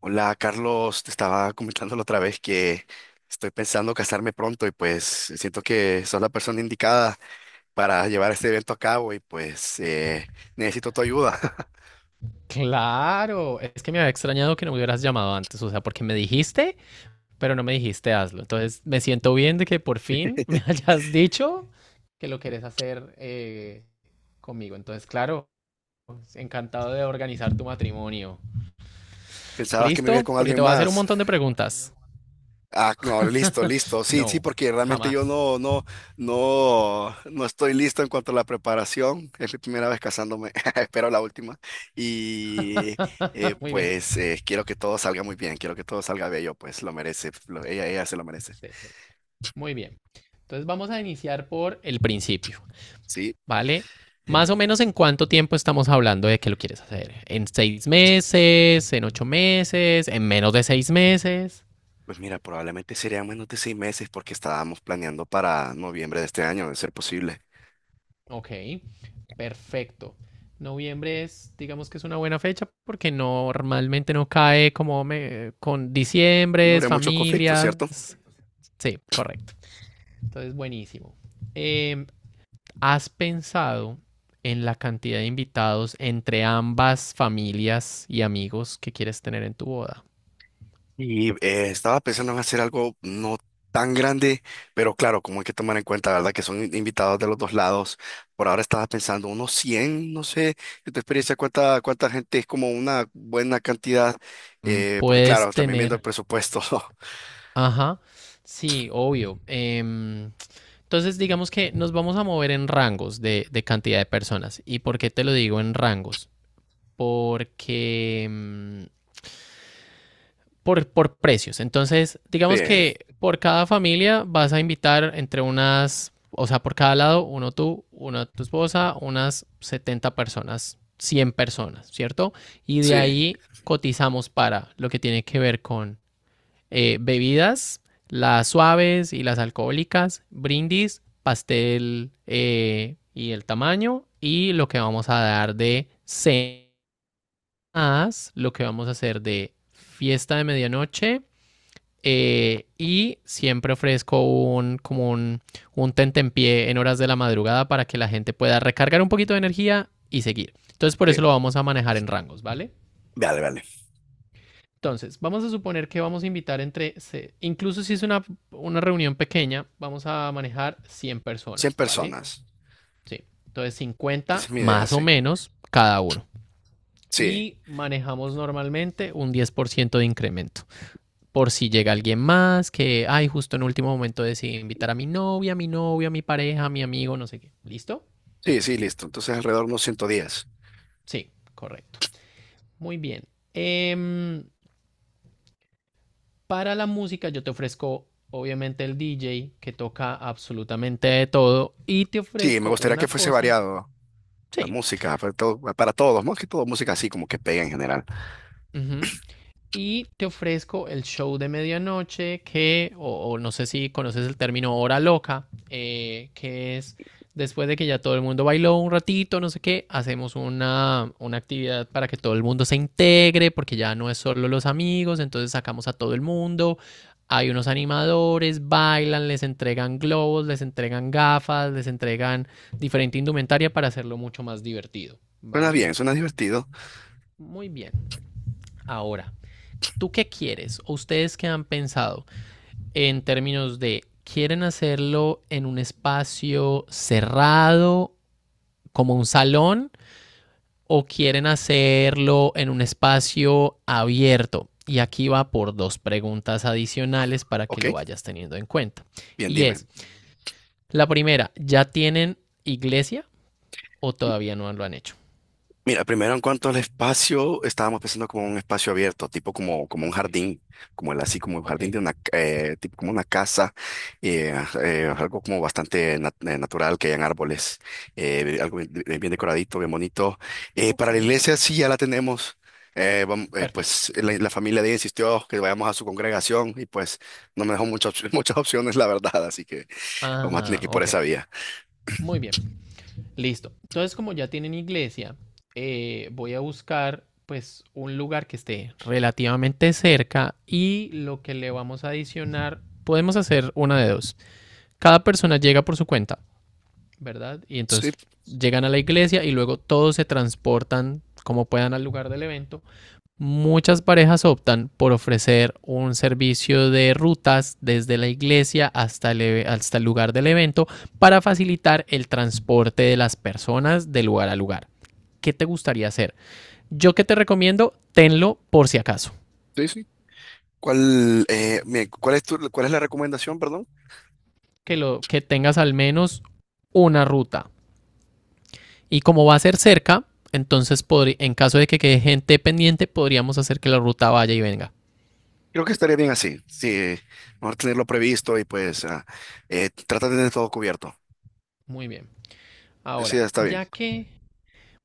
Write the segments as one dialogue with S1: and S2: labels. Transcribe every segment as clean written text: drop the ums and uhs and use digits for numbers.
S1: Hola, Carlos, te estaba comentando la otra vez que estoy pensando casarme pronto y pues siento que sos la persona indicada para llevar este evento a cabo y pues necesito tu ayuda.
S2: Claro, es que me había extrañado que no me hubieras llamado antes, o sea, porque me dijiste, pero no me dijiste hazlo. Entonces me siento bien de que por fin me hayas dicho que lo querés hacer conmigo. Entonces, claro, encantado de organizar tu matrimonio.
S1: ¿Pensabas que me iba a ir
S2: ¿Listo?
S1: con
S2: Porque te
S1: alguien
S2: voy a hacer un
S1: más?
S2: montón de preguntas.
S1: Ah, no, listo, listo. Sí, sí,
S2: No,
S1: porque realmente
S2: jamás.
S1: yo no estoy listo en cuanto a la preparación. Es mi primera vez casándome, espero la última. Y
S2: Muy bien.
S1: quiero que todo salga muy bien, quiero que todo salga bello, pues lo merece, ella, ella se lo merece.
S2: Excelente. Muy bien. Entonces vamos a iniciar por el principio.
S1: Sí,
S2: ¿Vale? Más o menos en cuánto tiempo estamos hablando de que lo quieres hacer. ¿En seis meses? ¿En ocho meses? ¿En menos de seis meses?
S1: pues mira, probablemente serían menos de 6 meses porque estábamos planeando para noviembre de este año, de ser posible.
S2: Ok, perfecto. Noviembre es, digamos que es una buena fecha porque normalmente no cae como con
S1: No
S2: diciembres,
S1: habría muchos conflictos, ¿cierto?
S2: familias. Sí, correcto. Entonces, buenísimo. Em, ¿Has pensado en la cantidad de invitados entre ambas familias y amigos que quieres tener en tu boda?
S1: Y estaba pensando en hacer algo no tan grande, pero claro, como hay que tomar en cuenta, ¿verdad? Que son invitados de los dos lados. Por ahora estaba pensando unos 100, no sé, de tu experiencia, cuánta gente es como una buena cantidad, porque
S2: Puedes
S1: claro, también viendo el
S2: tener,
S1: presupuesto.
S2: ajá, sí, obvio. Entonces, digamos que nos vamos a mover en rangos de cantidad de personas. ¿Y por qué te lo digo en rangos? Porque por precios. Entonces, digamos
S1: Sí,
S2: que por cada familia vas a invitar entre unas, o sea, por cada lado, uno tú, una tu esposa, unas 70 personas, 100 personas, ¿cierto? Y de
S1: sí,
S2: ahí cotizamos para lo que tiene que ver bebidas, las suaves y las alcohólicas, brindis, pastel y el tamaño y lo que vamos a dar de cenas, lo que vamos a hacer de fiesta de medianoche y siempre ofrezco un como un tentempié en horas de la madrugada para que la gente pueda recargar un poquito de energía y seguir. Entonces por eso lo
S1: sí.
S2: vamos a manejar en rangos, ¿vale?
S1: Vale, vale.
S2: Entonces, vamos a suponer que vamos a invitar entre, incluso si es una reunión pequeña, vamos a manejar 100
S1: 100
S2: personas, ¿vale?
S1: personas.
S2: Sí. Entonces,
S1: Esa
S2: 50
S1: es mi idea,
S2: más o
S1: sí.
S2: menos cada uno.
S1: Sí.
S2: Y manejamos normalmente un 10% de incremento. Por si llega alguien más que, ay, justo en último momento decidí invitar a mi novia, a mi novio, a mi pareja, a mi amigo, no sé qué. ¿Listo?
S1: Sí, sí, listo. Entonces alrededor de unos 110.
S2: Sí, correcto. Muy bien. Em, Para la música yo te ofrezco obviamente el DJ que toca absolutamente de todo y te
S1: Sí, me
S2: ofrezco
S1: gustaría que
S2: una
S1: fuese
S2: cosa.
S1: variado la
S2: Sí.
S1: música para todos, más que todo música así como que pega en general.
S2: Ujú. Y te ofrezco el show de medianoche que, o no sé si conoces el término hora loca, que es después de que ya todo el mundo bailó un ratito, no sé qué, hacemos una actividad para que todo el mundo se integre, porque ya no es solo los amigos, entonces sacamos a todo el mundo. Hay unos animadores, bailan, les entregan globos, les entregan gafas, les entregan diferente indumentaria para hacerlo mucho más divertido,
S1: Suena
S2: ¿vale?
S1: bien, suena divertido.
S2: Muy bien. Ahora, ¿tú qué quieres o ustedes qué han pensado en términos de quieren hacerlo en un espacio cerrado como un salón o quieren hacerlo en un espacio abierto? Y aquí va por dos preguntas adicionales para que lo
S1: Ok,
S2: vayas teniendo en cuenta.
S1: bien,
S2: Y
S1: dime.
S2: es, la primera, ¿ya tienen iglesia o todavía no lo han hecho?
S1: Mira, primero en cuanto al espacio, estábamos pensando como un espacio abierto, tipo como, como un
S2: Ok,
S1: jardín, como el así, como un
S2: ok,
S1: jardín de una, tipo como una casa, eh, algo como bastante natural, que hayan árboles, algo bien, bien decoradito, bien bonito.
S2: ok,
S1: Para la iglesia sí ya la tenemos,
S2: perfecto.
S1: pues la familia de ella insistió que vayamos a su congregación y pues no me dejó muchas, muchas opciones, la verdad, así que vamos a tener
S2: Ah,
S1: que ir por
S2: ok,
S1: esa vía.
S2: muy bien. Listo. Entonces, como ya tienen iglesia, voy a buscar pues un lugar que esté relativamente cerca y lo que le vamos a adicionar, podemos hacer una de dos. Cada persona llega por su cuenta, ¿verdad? Y
S1: Sí,
S2: entonces llegan a la iglesia y luego todos se transportan como puedan al lugar del evento. Muchas parejas optan por ofrecer un servicio de rutas desde la iglesia hasta hasta el lugar del evento para facilitar el transporte de las personas de lugar a lugar. ¿Qué te gustaría hacer? Yo que te recomiendo, tenlo por si acaso,
S1: sí, sí. ¿Cuál, cuál es tu, cuál es la recomendación, perdón?
S2: que, lo, que tengas al menos una ruta. Y como va a ser cerca, entonces en caso de que quede gente pendiente, podríamos hacer que la ruta vaya y venga.
S1: Creo que estaría bien así, sí, mejor tenerlo previsto y pues trata de tener todo cubierto.
S2: Muy bien.
S1: Sí,
S2: Ahora,
S1: está bien,
S2: ya que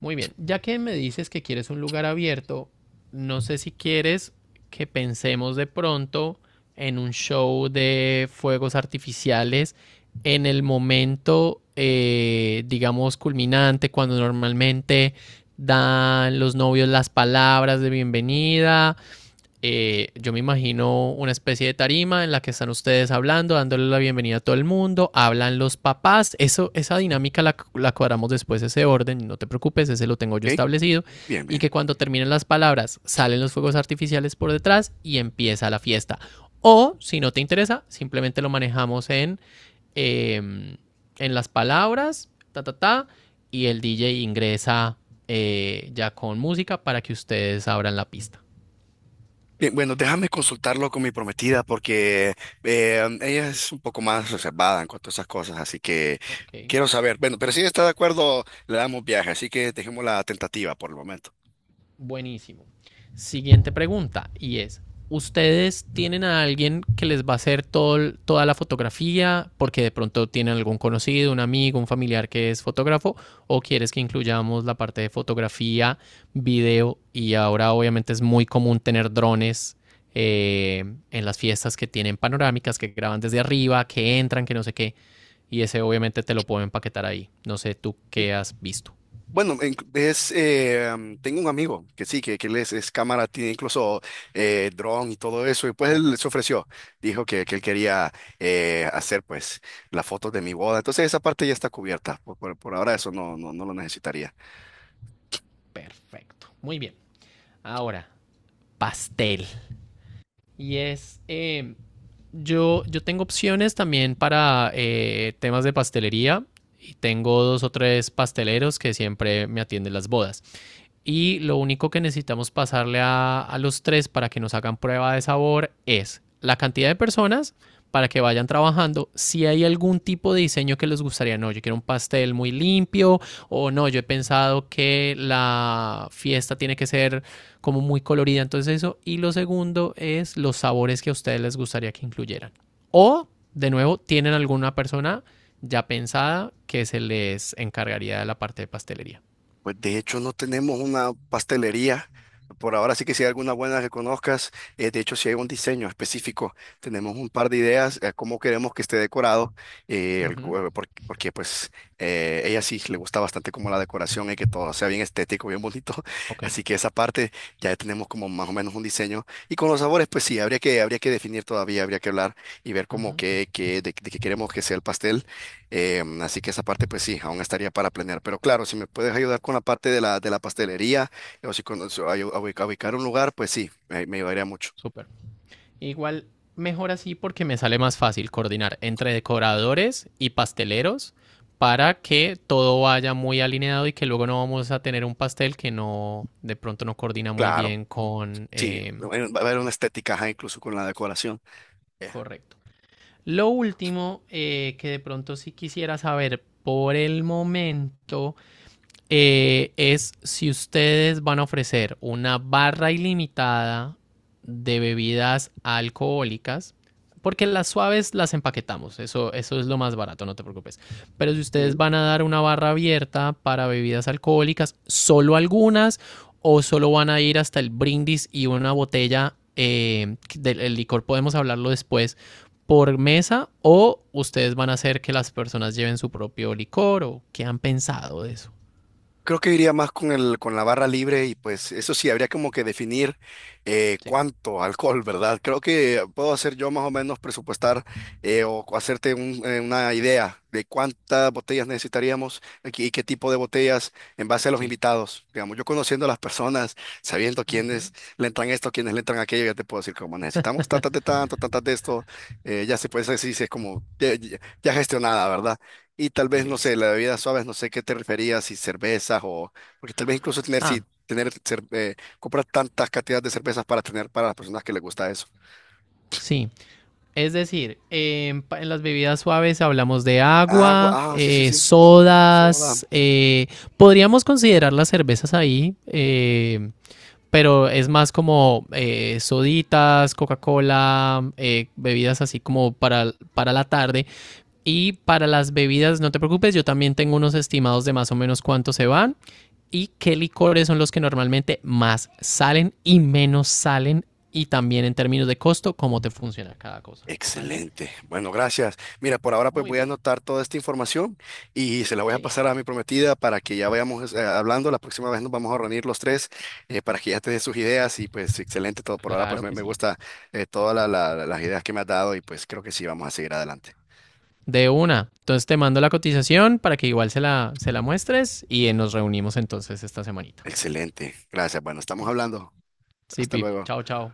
S2: Muy bien, ya que me dices que quieres un lugar abierto, no sé si quieres que pensemos de pronto en un show de fuegos artificiales en el momento, digamos, culminante, cuando normalmente dan los novios las palabras de bienvenida, yo me imagino una especie de tarima en la que están ustedes hablando, dándole la bienvenida a todo el mundo, hablan los papás, eso, esa dinámica la cuadramos después, ese orden, no te preocupes, ese lo tengo yo
S1: ¿ok?
S2: establecido,
S1: Bien,
S2: y
S1: bien.
S2: que cuando terminen las palabras salen los fuegos artificiales por detrás y empieza la fiesta. O si no te interesa, simplemente lo manejamos eh, en las palabras, ta, ta, ta, y el DJ ingresa ya con música para que ustedes abran la pista.
S1: Bien, bueno, déjame consultarlo con mi prometida porque ella es un poco más reservada en cuanto a esas cosas, así que
S2: Ok.
S1: quiero saber. Bueno, pero si ella está de acuerdo, le damos viaje, así que dejemos la tentativa por el momento.
S2: Buenísimo. Siguiente pregunta y es, ¿ustedes tienen a alguien que les va a hacer todo, toda la fotografía porque de pronto tienen algún conocido, un amigo, un familiar que es fotógrafo o quieres que incluyamos la parte de fotografía, video y ahora obviamente es muy común tener drones eh, en las fiestas que tienen panorámicas, que graban desde arriba, que entran, que no sé qué y ese obviamente te lo puedo empaquetar ahí. No sé tú qué has visto.
S1: Bueno, tengo un amigo que sí, que él es cámara, tiene incluso dron y todo eso, y pues
S2: Ok,
S1: él se ofreció, dijo que él quería hacer pues las fotos de mi boda, entonces esa parte ya está cubierta, por ahora eso no lo necesitaría.
S2: perfecto. Muy bien. Ahora, pastel. Y es, yo tengo opciones también para temas de pastelería y tengo dos o tres pasteleros que siempre me atienden las bodas. Y lo único que necesitamos pasarle a los tres para que nos hagan prueba de sabor es la cantidad de personas para que vayan trabajando si hay algún tipo de diseño que les gustaría. No, yo quiero un pastel muy limpio o no, yo he pensado que la fiesta tiene que ser como muy colorida, entonces eso. Y lo segundo es los sabores que a ustedes les gustaría que incluyeran. O, de nuevo, tienen alguna persona ya pensada que se les encargaría de la parte de pastelería.
S1: Pues de hecho no tenemos una pastelería. Por ahora sí que si hay alguna buena que conozcas, de hecho si hay un diseño específico, tenemos un par de ideas a cómo queremos que esté decorado,
S2: Ujú,
S1: porque, pues ella sí le gusta bastante como la decoración y que todo sea bien estético, bien bonito.
S2: ok.
S1: Así que esa parte ya tenemos como más o menos un diseño. Y con los sabores, pues sí, habría que definir todavía, habría que hablar y ver
S2: Uh
S1: como
S2: -huh.
S1: de qué queremos que sea el pastel. Así que esa parte, pues sí, aún estaría para planear. Pero claro, si me puedes ayudar con la parte de la pastelería o si conoces a ubicar un lugar, pues sí, me ayudaría mucho.
S2: Súper. Igual mejor así porque me sale más fácil coordinar entre decoradores y pasteleros para que todo vaya muy alineado y que luego no vamos a tener un pastel que no de pronto no coordina muy
S1: Claro,
S2: bien con
S1: sí, va a haber una estética, ajá, incluso con la decoración.
S2: correcto. Lo último que de pronto sí quisiera saber por el momento es si ustedes van a ofrecer una barra ilimitada de bebidas alcohólicas, porque las suaves las empaquetamos, eso es lo más barato, no te preocupes. Pero si ustedes
S1: Eh,
S2: van a dar una barra abierta para bebidas alcohólicas, solo algunas, o solo van a ir hasta el brindis y una botella del licor, podemos hablarlo después, por mesa, o ustedes van a hacer que las personas lleven su propio licor, o qué han pensado de eso.
S1: Creo que iría más con con la barra libre y pues eso sí, habría como que definir
S2: Sí,
S1: cuánto alcohol, ¿verdad? Creo que puedo hacer yo más o menos presupuestar una idea de cuántas botellas necesitaríamos aquí y qué tipo de botellas en base a los
S2: sí.
S1: invitados. Digamos, yo conociendo a las personas, sabiendo
S2: Ujú,
S1: quiénes le entran esto, quiénes le entran aquello, ya te puedo decir como necesitamos tantas de tanto, tantas de esto, ya se puede decir, si es como ya gestionada, ¿verdad? Y tal vez, no sé,
S2: listo.
S1: la bebida suave, no sé qué te referías, si cervezas o… Porque tal vez incluso tener,
S2: Ah,
S1: si tener, cer- comprar tantas cantidades de cervezas para tener para las personas que les gusta eso.
S2: sí. Es decir, en, en las bebidas suaves hablamos de
S1: Agua,
S2: agua,
S1: ah, sí, sí, sí, soda.
S2: sodas. Podríamos considerar las cervezas ahí, pero es más como soditas, Coca-Cola, bebidas así como para la tarde. Y para las bebidas, no te preocupes, yo también tengo unos estimados de más o menos cuánto se van. Y qué licores son los que normalmente más salen y menos salen y también en términos de costo, cómo te funciona cada cosa, ¿vale?
S1: Excelente. Bueno, gracias. Mira, por ahora pues
S2: Muy
S1: voy a
S2: bien,
S1: anotar toda esta información y se la voy a
S2: sí,
S1: pasar a mi prometida para que ya vayamos hablando. La próxima vez nos vamos a reunir los tres para que ya te dé sus ideas y pues excelente todo. Por ahora pues
S2: claro que
S1: me
S2: sí.
S1: gusta las ideas que me has dado y pues creo que sí, vamos a seguir adelante.
S2: De una. Entonces te mando la cotización para que igual se se la muestres y nos reunimos entonces esta semanita.
S1: Excelente, gracias. Bueno, estamos hablando.
S2: Sí,
S1: Hasta
S2: Pip.
S1: luego.
S2: Chao, chao.